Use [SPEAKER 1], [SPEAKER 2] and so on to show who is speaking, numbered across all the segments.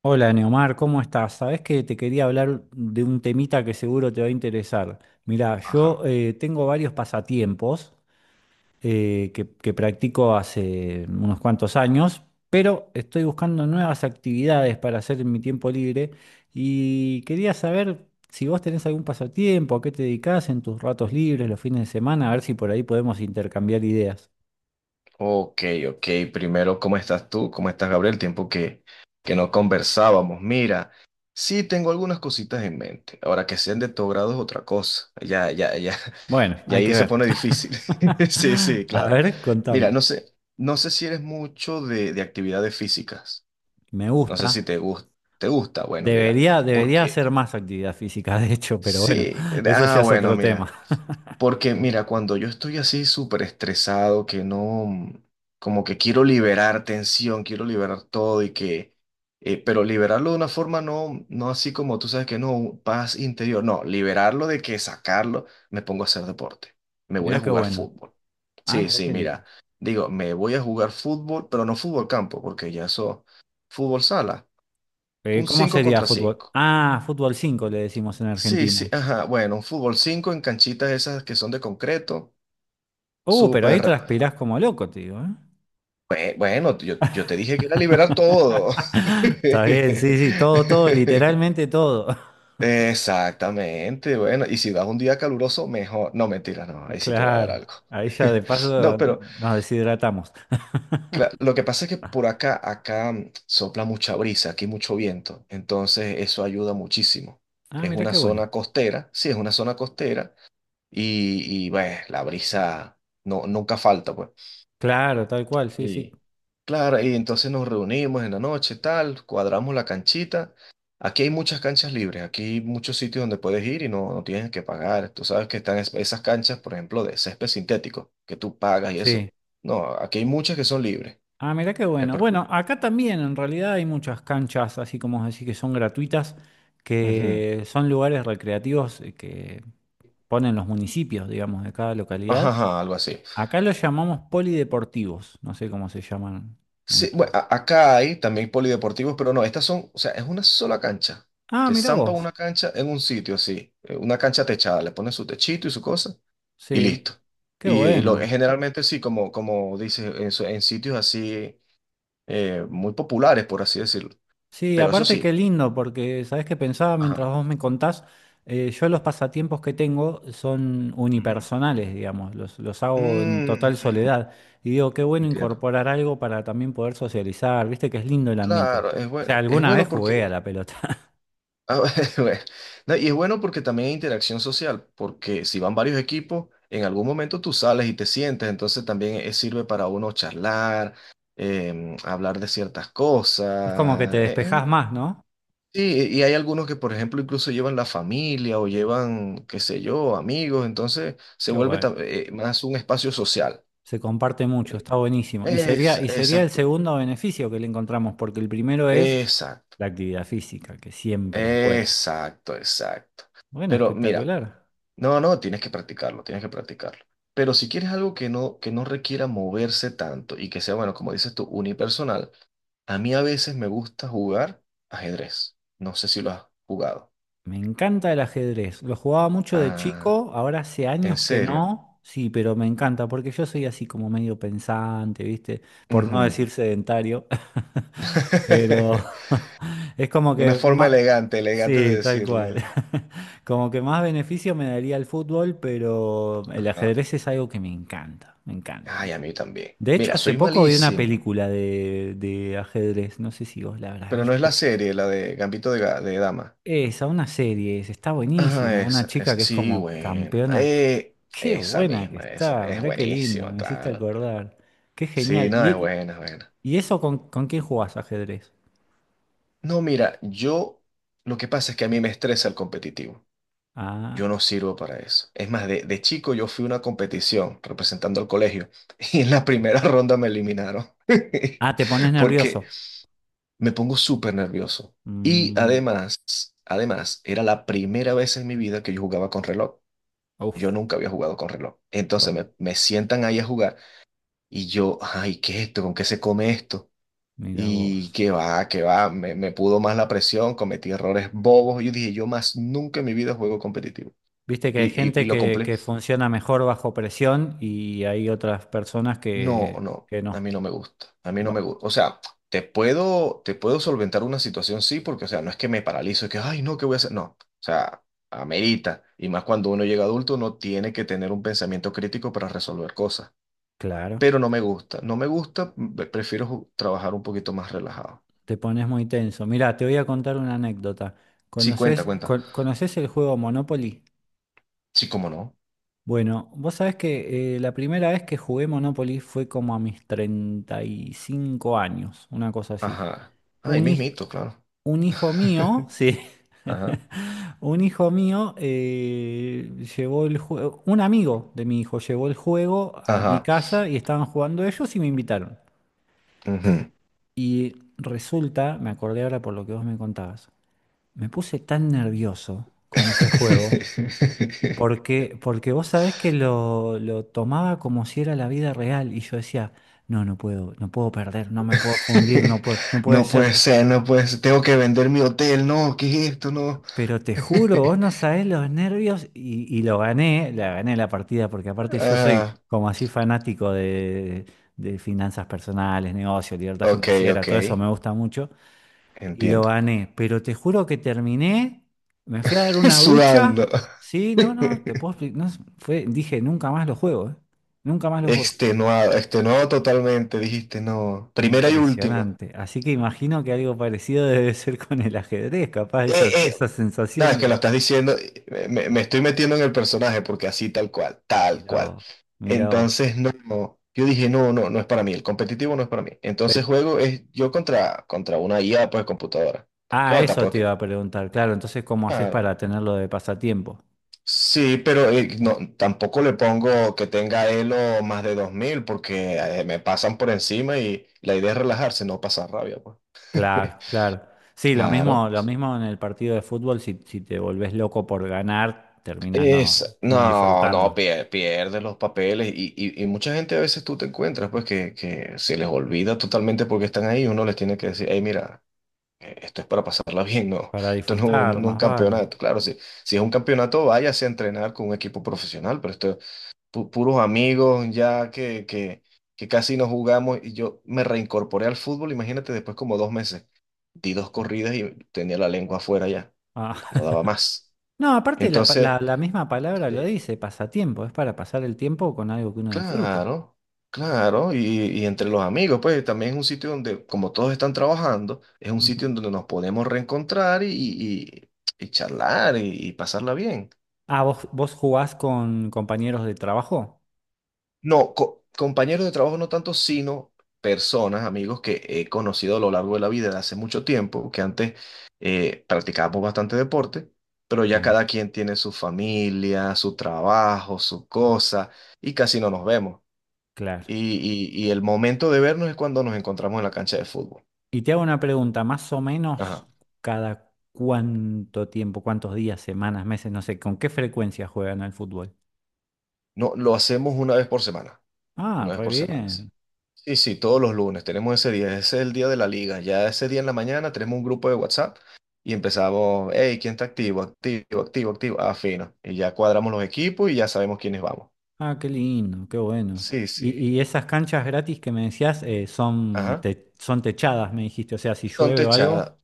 [SPEAKER 1] Hola Neomar, ¿cómo estás? Sabés que te quería hablar de un temita que seguro te va a interesar. Mirá, yo
[SPEAKER 2] Ajá.
[SPEAKER 1] tengo varios pasatiempos que practico hace unos cuantos años, pero estoy buscando nuevas actividades para hacer en mi tiempo libre y quería saber si vos tenés algún pasatiempo, a qué te dedicás en tus ratos libres, los fines de semana, a ver si por ahí podemos intercambiar ideas.
[SPEAKER 2] Ok, ok. Primero, ¿cómo estás tú? ¿Cómo estás, Gabriel? Tiempo que no conversábamos. Mira, sí tengo algunas cositas en mente. Ahora que sean de tu grado es otra cosa. Ya, ya, ya.
[SPEAKER 1] Bueno,
[SPEAKER 2] Ya
[SPEAKER 1] hay
[SPEAKER 2] ahí
[SPEAKER 1] que
[SPEAKER 2] se
[SPEAKER 1] ver.
[SPEAKER 2] pone difícil. Sí, sí,
[SPEAKER 1] A
[SPEAKER 2] claro.
[SPEAKER 1] ver,
[SPEAKER 2] Mira,
[SPEAKER 1] contame.
[SPEAKER 2] no sé si eres mucho de actividades físicas.
[SPEAKER 1] Me
[SPEAKER 2] No sé
[SPEAKER 1] gusta.
[SPEAKER 2] si te gusta. ¿Te gusta? Bueno, mira.
[SPEAKER 1] Debería
[SPEAKER 2] Porque
[SPEAKER 1] hacer más actividad física, de hecho, pero bueno,
[SPEAKER 2] sí.
[SPEAKER 1] eso
[SPEAKER 2] Ah,
[SPEAKER 1] ya es
[SPEAKER 2] bueno,
[SPEAKER 1] otro tema.
[SPEAKER 2] mira. Porque mira, cuando yo estoy así súper estresado, que no, como que quiero liberar tensión, quiero liberar todo y que, pero liberarlo de una forma no, no así como tú sabes que no, paz interior, no, liberarlo de que sacarlo, me pongo a hacer deporte, me voy
[SPEAKER 1] Mirá
[SPEAKER 2] a
[SPEAKER 1] qué
[SPEAKER 2] jugar
[SPEAKER 1] bueno.
[SPEAKER 2] fútbol.
[SPEAKER 1] Ah,
[SPEAKER 2] Sí,
[SPEAKER 1] mirá
[SPEAKER 2] sí,
[SPEAKER 1] qué lindo.
[SPEAKER 2] mira, digo, me voy a jugar fútbol, pero no fútbol campo, porque ya eso, fútbol sala, un
[SPEAKER 1] ¿Cómo
[SPEAKER 2] 5
[SPEAKER 1] sería
[SPEAKER 2] contra
[SPEAKER 1] fútbol?
[SPEAKER 2] cinco.
[SPEAKER 1] Ah, fútbol 5 le decimos en
[SPEAKER 2] Sí, sí,
[SPEAKER 1] Argentina.
[SPEAKER 2] ajá, bueno, un fútbol 5 en canchitas esas que son de concreto
[SPEAKER 1] Pero ahí
[SPEAKER 2] súper.
[SPEAKER 1] transpirás como loco, te digo, ¿eh?
[SPEAKER 2] Bueno, yo te dije que era liberar todo.
[SPEAKER 1] Está bien, sí, sí, todo, todo, literalmente todo.
[SPEAKER 2] Exactamente, bueno, y si vas un día caluroso, mejor. No, mentira, no, ahí sí te va a dar
[SPEAKER 1] Claro,
[SPEAKER 2] algo.
[SPEAKER 1] ahí ya de paso
[SPEAKER 2] No, pero
[SPEAKER 1] nos deshidratamos.
[SPEAKER 2] lo que pasa es que por acá sopla mucha brisa, aquí mucho viento, entonces eso ayuda muchísimo.
[SPEAKER 1] Ah,
[SPEAKER 2] Es
[SPEAKER 1] mirá
[SPEAKER 2] una
[SPEAKER 1] qué bueno.
[SPEAKER 2] zona costera, sí, es una zona costera, y bueno, la brisa no, nunca falta, pues.
[SPEAKER 1] Claro, tal cual, sí, sí.
[SPEAKER 2] Y claro, y entonces nos reunimos en la noche, tal, cuadramos la canchita. Aquí hay muchas canchas libres, aquí hay muchos sitios donde puedes ir y no, no tienes que pagar. Tú sabes que están esas canchas, por ejemplo, de césped sintético, que tú pagas y
[SPEAKER 1] Sí,
[SPEAKER 2] eso. No, aquí hay muchas que son libres.
[SPEAKER 1] ah, mirá qué
[SPEAKER 2] El
[SPEAKER 1] bueno.
[SPEAKER 2] pro-
[SPEAKER 1] Bueno, acá también en realidad hay muchas canchas, así como decir que son gratuitas,
[SPEAKER 2] Ujú.
[SPEAKER 1] que son lugares recreativos que ponen los municipios, digamos, de cada
[SPEAKER 2] Ajá,
[SPEAKER 1] localidad.
[SPEAKER 2] ajá, algo así.
[SPEAKER 1] Acá los llamamos polideportivos, no sé cómo se llaman en
[SPEAKER 2] Sí,
[SPEAKER 1] tu.
[SPEAKER 2] bueno, acá hay también polideportivos, pero no, estas son, o sea, es una sola cancha.
[SPEAKER 1] Ah,
[SPEAKER 2] Te
[SPEAKER 1] mirá
[SPEAKER 2] zampan
[SPEAKER 1] vos.
[SPEAKER 2] una cancha en un sitio así, una cancha techada, le ponen su techito y su cosa y listo.
[SPEAKER 1] Sí, qué
[SPEAKER 2] Y
[SPEAKER 1] bueno.
[SPEAKER 2] generalmente sí, como dices, en sitios así muy populares, por así decirlo.
[SPEAKER 1] Sí,
[SPEAKER 2] Pero eso
[SPEAKER 1] aparte qué
[SPEAKER 2] sí.
[SPEAKER 1] lindo, porque sabes que pensaba mientras
[SPEAKER 2] Ajá.
[SPEAKER 1] vos me contás, yo los pasatiempos que tengo son
[SPEAKER 2] Ujú.
[SPEAKER 1] unipersonales, digamos, los hago en
[SPEAKER 2] Mm,
[SPEAKER 1] total
[SPEAKER 2] ujú, ujú.
[SPEAKER 1] soledad. Y digo, qué bueno
[SPEAKER 2] Entiendo.
[SPEAKER 1] incorporar algo para también poder socializar, viste que es lindo el ambiente.
[SPEAKER 2] Claro,
[SPEAKER 1] O sea,
[SPEAKER 2] es
[SPEAKER 1] alguna vez
[SPEAKER 2] bueno
[SPEAKER 1] jugué
[SPEAKER 2] porque.
[SPEAKER 1] a la pelota.
[SPEAKER 2] Ah, bueno. No, y es bueno porque también hay interacción social, porque si van varios equipos, en algún momento tú sales y te sientes, entonces también sirve para uno charlar, hablar de ciertas
[SPEAKER 1] Es como que te
[SPEAKER 2] cosas.
[SPEAKER 1] despejás más, ¿no?
[SPEAKER 2] Sí, y hay algunos que, por ejemplo, incluso llevan la familia o llevan, qué sé yo, amigos, entonces se
[SPEAKER 1] Qué
[SPEAKER 2] vuelve
[SPEAKER 1] bueno.
[SPEAKER 2] más un espacio social.
[SPEAKER 1] Se comparte mucho,
[SPEAKER 2] Eh,
[SPEAKER 1] está buenísimo. Y sería, y sería el
[SPEAKER 2] exacto,
[SPEAKER 1] segundo beneficio que le encontramos, porque el primero es
[SPEAKER 2] exacto,
[SPEAKER 1] la actividad física, que siempre es bueno.
[SPEAKER 2] exacto, exacto.
[SPEAKER 1] Bueno,
[SPEAKER 2] Pero mira.
[SPEAKER 1] espectacular.
[SPEAKER 2] No, no, tienes que practicarlo, tienes que practicarlo. Pero si quieres algo que no requiera moverse tanto y que sea, bueno, como dices tú, unipersonal, a mí a veces me gusta jugar ajedrez. No sé si lo has jugado.
[SPEAKER 1] Me encanta el ajedrez. Lo jugaba mucho de
[SPEAKER 2] Ah,
[SPEAKER 1] chico, ahora hace
[SPEAKER 2] ¿en
[SPEAKER 1] años que
[SPEAKER 2] serio?
[SPEAKER 1] no. Sí, pero me encanta porque yo soy así como medio pensante, ¿viste? Por no
[SPEAKER 2] Ujú.
[SPEAKER 1] decir sedentario. Pero es como
[SPEAKER 2] Una
[SPEAKER 1] que
[SPEAKER 2] forma
[SPEAKER 1] más...
[SPEAKER 2] elegante, elegante de
[SPEAKER 1] Sí, tal
[SPEAKER 2] decirlo.
[SPEAKER 1] cual. Como que más beneficio me daría el fútbol, pero el
[SPEAKER 2] Ajá.
[SPEAKER 1] ajedrez es algo que me encanta, me encanta.
[SPEAKER 2] Ay, a mí también.
[SPEAKER 1] De hecho,
[SPEAKER 2] Mira,
[SPEAKER 1] hace
[SPEAKER 2] soy
[SPEAKER 1] poco vi una
[SPEAKER 2] malísimo,
[SPEAKER 1] película de ajedrez, no sé si vos la habrás
[SPEAKER 2] pero no es la
[SPEAKER 1] visto.
[SPEAKER 2] serie, la de Gambito de Dama.
[SPEAKER 1] Esa, una serie, esa, está
[SPEAKER 2] Ah,
[SPEAKER 1] buenísima. Una
[SPEAKER 2] esa,
[SPEAKER 1] chica
[SPEAKER 2] esa,
[SPEAKER 1] que es
[SPEAKER 2] sí,
[SPEAKER 1] como
[SPEAKER 2] bueno.
[SPEAKER 1] campeona. Qué
[SPEAKER 2] Esa
[SPEAKER 1] buena que
[SPEAKER 2] misma, esa,
[SPEAKER 1] está,
[SPEAKER 2] es
[SPEAKER 1] mirá qué lindo,
[SPEAKER 2] buenísima,
[SPEAKER 1] me hiciste
[SPEAKER 2] claro.
[SPEAKER 1] acordar. Qué
[SPEAKER 2] Sí,
[SPEAKER 1] genial.
[SPEAKER 2] no, es buena, es buena.
[SPEAKER 1] Y eso con quién jugás ajedrez?
[SPEAKER 2] No, mira, lo que pasa es que a mí me estresa el competitivo.
[SPEAKER 1] Ah,
[SPEAKER 2] Yo no sirvo para eso. Es más, de chico yo fui a una competición representando al colegio y en la primera ronda me eliminaron
[SPEAKER 1] ah, te pones
[SPEAKER 2] porque
[SPEAKER 1] nervioso.
[SPEAKER 2] me pongo súper nervioso. Y
[SPEAKER 1] Mm,
[SPEAKER 2] además, además, era la primera vez en mi vida que yo jugaba con reloj. Yo
[SPEAKER 1] uf,
[SPEAKER 2] nunca había jugado con reloj. Entonces
[SPEAKER 1] todo.
[SPEAKER 2] me sientan ahí a jugar. Y yo, ay, ¿qué es esto? ¿Con qué se come esto?
[SPEAKER 1] Mira
[SPEAKER 2] Y
[SPEAKER 1] vos.
[SPEAKER 2] qué va, me pudo más la presión, cometí errores bobos. Yo dije, yo más nunca en mi vida juego competitivo.
[SPEAKER 1] Viste que
[SPEAKER 2] Y,
[SPEAKER 1] hay
[SPEAKER 2] y
[SPEAKER 1] gente
[SPEAKER 2] lo compré.
[SPEAKER 1] que funciona mejor bajo presión y hay otras personas
[SPEAKER 2] No, no,
[SPEAKER 1] que no.
[SPEAKER 2] a mí no me gusta, a mí no
[SPEAKER 1] Va-
[SPEAKER 2] me gusta. O sea, te puedo solventar una situación, sí, porque, o sea, no es que me paralizo, es que, ay, no, ¿qué voy a hacer? No, o sea, amerita. Y más cuando uno llega adulto, uno tiene que tener un pensamiento crítico para resolver cosas.
[SPEAKER 1] claro.
[SPEAKER 2] Pero no me gusta, no me gusta, prefiero trabajar un poquito más relajado.
[SPEAKER 1] Te pones muy tenso. Mirá, te voy a contar una anécdota.
[SPEAKER 2] Sí, cuenta,
[SPEAKER 1] ¿Conoces,
[SPEAKER 2] cuenta.
[SPEAKER 1] co- conoces el juego Monopoly?
[SPEAKER 2] Sí, cómo no.
[SPEAKER 1] Bueno, vos sabés que la primera vez que jugué Monopoly fue como a mis 35 años, una cosa así.
[SPEAKER 2] Ajá. Ahí
[SPEAKER 1] Un, hij-
[SPEAKER 2] mismito, claro.
[SPEAKER 1] un hijo mío, sí,
[SPEAKER 2] Ajá.
[SPEAKER 1] un hijo mío llevó el juego, un amigo de mi hijo llevó el juego a mi
[SPEAKER 2] Ajá.
[SPEAKER 1] casa y estaban jugando ellos y me invitaron.
[SPEAKER 2] Ujú.
[SPEAKER 1] Y resulta, me acordé ahora por lo que vos me contabas. Me puse tan nervioso con ese juego porque, porque vos sabés que lo tomaba como si era la vida real y yo decía, no, no puedo, no puedo perder, no me puedo fundir, no puedo, no puede
[SPEAKER 2] No
[SPEAKER 1] ser.
[SPEAKER 2] puede ser, no puede ser. Tengo que vender mi hotel, no, ¿qué es esto? No.
[SPEAKER 1] Pero te juro, vos no sabés los nervios y lo gané la partida porque aparte yo soy
[SPEAKER 2] Ah,
[SPEAKER 1] como así fanático de finanzas personales, negocios, libertad
[SPEAKER 2] ok,
[SPEAKER 1] financiera,
[SPEAKER 2] ok.
[SPEAKER 1] todo eso me gusta mucho. Y lo
[SPEAKER 2] Entiendo.
[SPEAKER 1] gané. Pero te juro que terminé, me fui a dar una
[SPEAKER 2] Sudando.
[SPEAKER 1] ducha. Sí, no, no, te puedo explicar. No, fue, dije, nunca más lo juego, ¿eh? Nunca más lo juego.
[SPEAKER 2] Extenuado, extenuado totalmente, dijiste, no. Primera y última.
[SPEAKER 1] Impresionante. Así que imagino que algo parecido debe ser con el ajedrez, capaz,
[SPEAKER 2] Eh,
[SPEAKER 1] esa
[SPEAKER 2] eh, no,
[SPEAKER 1] sensación
[SPEAKER 2] es que lo
[SPEAKER 1] de.
[SPEAKER 2] estás diciendo, me estoy metiendo en el personaje porque así tal cual, tal
[SPEAKER 1] Mirá
[SPEAKER 2] cual.
[SPEAKER 1] vos, mirá vos.
[SPEAKER 2] Entonces, no, no, yo dije, no, no, no es para mí, el competitivo no es para mí. Entonces
[SPEAKER 1] Pero-
[SPEAKER 2] juego es yo contra una IA, pues computadora.
[SPEAKER 1] ah,
[SPEAKER 2] Claro,
[SPEAKER 1] eso te
[SPEAKER 2] tampoco es que.
[SPEAKER 1] iba a preguntar, claro. Entonces, ¿cómo haces
[SPEAKER 2] Claro.
[SPEAKER 1] para tenerlo de pasatiempo?
[SPEAKER 2] Sí, pero no, tampoco le pongo que tenga Elo más de 2000 porque me pasan por encima y la idea es relajarse, no pasar rabia, pues.
[SPEAKER 1] Claro, claro. Sí,
[SPEAKER 2] Claro.
[SPEAKER 1] lo mismo en el partido de fútbol, si, si te volvés loco por ganar, terminás no, no
[SPEAKER 2] No, no,
[SPEAKER 1] disfrutando.
[SPEAKER 2] pierde los papeles y mucha gente a veces tú te encuentras pues que se les olvida totalmente porque están ahí, uno les tiene que decir, hey, mira, esto es para pasarla bien, no,
[SPEAKER 1] Para
[SPEAKER 2] esto no, no, no
[SPEAKER 1] disfrutar,
[SPEAKER 2] es un
[SPEAKER 1] más vale.
[SPEAKER 2] campeonato, claro, si es un campeonato váyase a entrenar con un equipo profesional, pero esto, puros amigos ya que casi no jugamos y yo me reincorporé al fútbol, imagínate, después como 2 meses, di dos corridas y tenía la lengua afuera ya,
[SPEAKER 1] Ah,
[SPEAKER 2] no daba más.
[SPEAKER 1] no, aparte la, pa-
[SPEAKER 2] Entonces.
[SPEAKER 1] la- la misma palabra lo
[SPEAKER 2] Sí.
[SPEAKER 1] dice, pasatiempo, es para pasar el tiempo con algo que uno disfruta.
[SPEAKER 2] Claro, claro, y entre los amigos, pues también es un sitio donde, como todos están trabajando, es un sitio
[SPEAKER 1] Ujú.
[SPEAKER 2] en donde nos podemos reencontrar y charlar y pasarla bien.
[SPEAKER 1] Ah, ¿vos jugás con compañeros de trabajo?
[SPEAKER 2] No, compañeros de trabajo no tanto, sino personas, amigos que he conocido a lo largo de la vida de hace mucho tiempo, que antes practicábamos bastante deporte, pero ya
[SPEAKER 1] Ah,
[SPEAKER 2] cada quien tiene su familia, su trabajo, su cosa, y casi no nos vemos.
[SPEAKER 1] claro.
[SPEAKER 2] Y el momento de vernos es cuando nos encontramos en la cancha de fútbol.
[SPEAKER 1] Y te hago una pregunta, más o menos
[SPEAKER 2] Ajá.
[SPEAKER 1] cada cuánto tiempo, cuántos días, semanas, meses, no sé, ¿con qué frecuencia juegan al fútbol?
[SPEAKER 2] No, lo hacemos una vez por semana,
[SPEAKER 1] Ah,
[SPEAKER 2] una vez
[SPEAKER 1] re
[SPEAKER 2] por semana, sí.
[SPEAKER 1] bien.
[SPEAKER 2] Sí, sí, todos los lunes tenemos ese día, ese es el día de la liga. Ya ese día en la mañana tenemos un grupo de WhatsApp y empezamos, hey, ¿quién está activo? Activo, activo, activo. Ah, fino. Y ya cuadramos los equipos y ya sabemos quiénes vamos.
[SPEAKER 1] Ah, qué lindo, qué bueno.
[SPEAKER 2] Sí,
[SPEAKER 1] Y,
[SPEAKER 2] sí.
[SPEAKER 1] y esas canchas gratis que me decías son,
[SPEAKER 2] Ajá.
[SPEAKER 1] te- son techadas, me dijiste. O sea, si
[SPEAKER 2] Son
[SPEAKER 1] llueve o
[SPEAKER 2] techadas.
[SPEAKER 1] algo,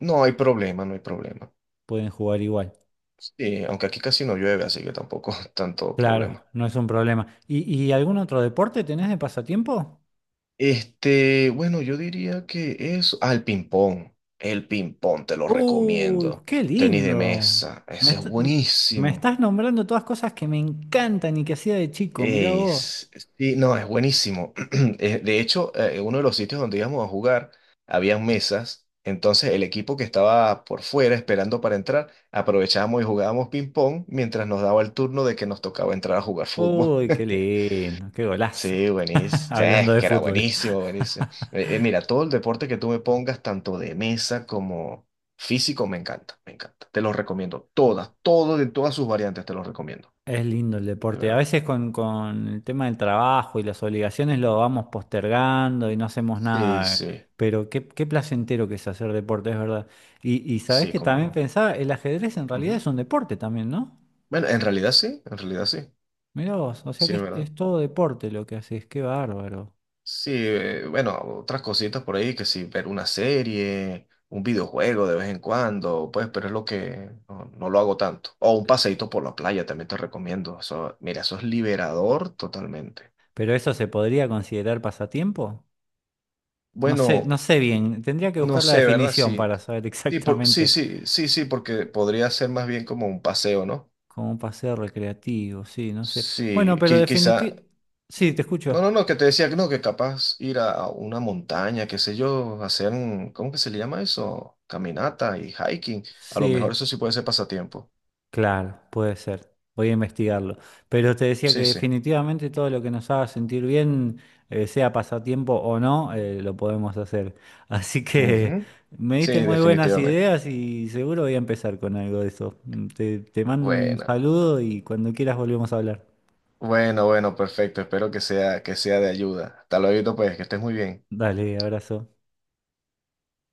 [SPEAKER 2] No hay problema, no hay problema.
[SPEAKER 1] pueden jugar igual.
[SPEAKER 2] Sí, aunque aquí casi no llueve, así que tampoco tanto
[SPEAKER 1] Claro,
[SPEAKER 2] problema.
[SPEAKER 1] no es un problema. Y algún otro deporte tenés de pasatiempo?
[SPEAKER 2] Bueno, yo diría que eso. Ah, el ping-pong. El ping-pong te lo
[SPEAKER 1] ¡Uy,
[SPEAKER 2] recomiendo.
[SPEAKER 1] qué
[SPEAKER 2] Tenis de
[SPEAKER 1] lindo!
[SPEAKER 2] mesa.
[SPEAKER 1] Me,
[SPEAKER 2] Eso es
[SPEAKER 1] est- m- me
[SPEAKER 2] buenísimo.
[SPEAKER 1] estás nombrando todas cosas que me encantan y que hacía de chico, mirá vos.
[SPEAKER 2] Es, sí, no, es buenísimo. De hecho, uno de los sitios donde íbamos a jugar, habían mesas. Entonces, el equipo que estaba por fuera esperando para entrar, aprovechábamos y jugábamos ping-pong mientras nos daba el turno de que nos tocaba entrar a jugar fútbol.
[SPEAKER 1] ¡Uy, qué lindo! ¡Qué golazo!
[SPEAKER 2] Sí, buenísimo. Sí, es
[SPEAKER 1] Hablando de
[SPEAKER 2] que era
[SPEAKER 1] fútbol.
[SPEAKER 2] buenísimo, buenísimo. Mira, todo el deporte que tú me pongas, tanto de mesa como físico, me encanta, me encanta. Te los recomiendo. Todo de todas sus variantes te los recomiendo,
[SPEAKER 1] Es lindo el
[SPEAKER 2] de
[SPEAKER 1] deporte. A
[SPEAKER 2] verdad.
[SPEAKER 1] veces con el tema del trabajo y las obligaciones lo vamos postergando y no hacemos
[SPEAKER 2] Sí,
[SPEAKER 1] nada.
[SPEAKER 2] sí,
[SPEAKER 1] Pero qué, qué placentero que es hacer deporte, es verdad. Y sabés
[SPEAKER 2] sí,
[SPEAKER 1] que
[SPEAKER 2] cómo
[SPEAKER 1] también
[SPEAKER 2] no.
[SPEAKER 1] pensaba, el ajedrez en realidad
[SPEAKER 2] Ujú.
[SPEAKER 1] es un deporte también, ¿no?
[SPEAKER 2] Bueno, en realidad sí, en realidad sí.
[SPEAKER 1] Mirá vos, o sea
[SPEAKER 2] Sí,
[SPEAKER 1] que
[SPEAKER 2] es verdad.
[SPEAKER 1] es todo deporte lo que haces, qué bárbaro.
[SPEAKER 2] Sí, bueno, otras cositas por ahí que sí, ver una serie, un videojuego de vez en cuando, pues, pero es lo que no lo hago tanto. O un paseíto por la playa también te recomiendo. Eso, mira, eso es liberador totalmente.
[SPEAKER 1] ¿Pero eso se podría considerar pasatiempo? No sé, no
[SPEAKER 2] Bueno,
[SPEAKER 1] sé bien, tendría que
[SPEAKER 2] no
[SPEAKER 1] buscar la
[SPEAKER 2] sé, ¿verdad?
[SPEAKER 1] definición
[SPEAKER 2] Sí,
[SPEAKER 1] para saber
[SPEAKER 2] sí, sí,
[SPEAKER 1] exactamente
[SPEAKER 2] sí, sí, sí, porque podría ser más bien como un paseo, ¿no?
[SPEAKER 1] cómo un paseo recreativo, sí, no sé.
[SPEAKER 2] Sí,
[SPEAKER 1] Bueno, pero
[SPEAKER 2] quizá.
[SPEAKER 1] definitivamente... Sí, te
[SPEAKER 2] No,
[SPEAKER 1] escucho.
[SPEAKER 2] no, no, que te decía que no, que capaz ir a una montaña, qué sé yo, hacer, ¿cómo que se le llama eso? Caminata y hiking. A lo mejor
[SPEAKER 1] Sí,
[SPEAKER 2] eso sí puede ser pasatiempo.
[SPEAKER 1] claro, puede ser. Voy a investigarlo. Pero te decía que
[SPEAKER 2] Sí, sí.
[SPEAKER 1] definitivamente todo lo que nos haga sentir bien, sea pasatiempo o no, lo podemos hacer. Así que
[SPEAKER 2] Ujú.
[SPEAKER 1] me diste
[SPEAKER 2] Sí,
[SPEAKER 1] muy buenas
[SPEAKER 2] definitivamente.
[SPEAKER 1] ideas y seguro voy a empezar con algo de eso. Mm, te mando un
[SPEAKER 2] Bueno,
[SPEAKER 1] saludo y cuando quieras volvemos a hablar.
[SPEAKER 2] bueno, bueno, perfecto. Espero que sea de ayuda. Hasta luego, pues, que estés muy bien.
[SPEAKER 1] Dale, abrazo.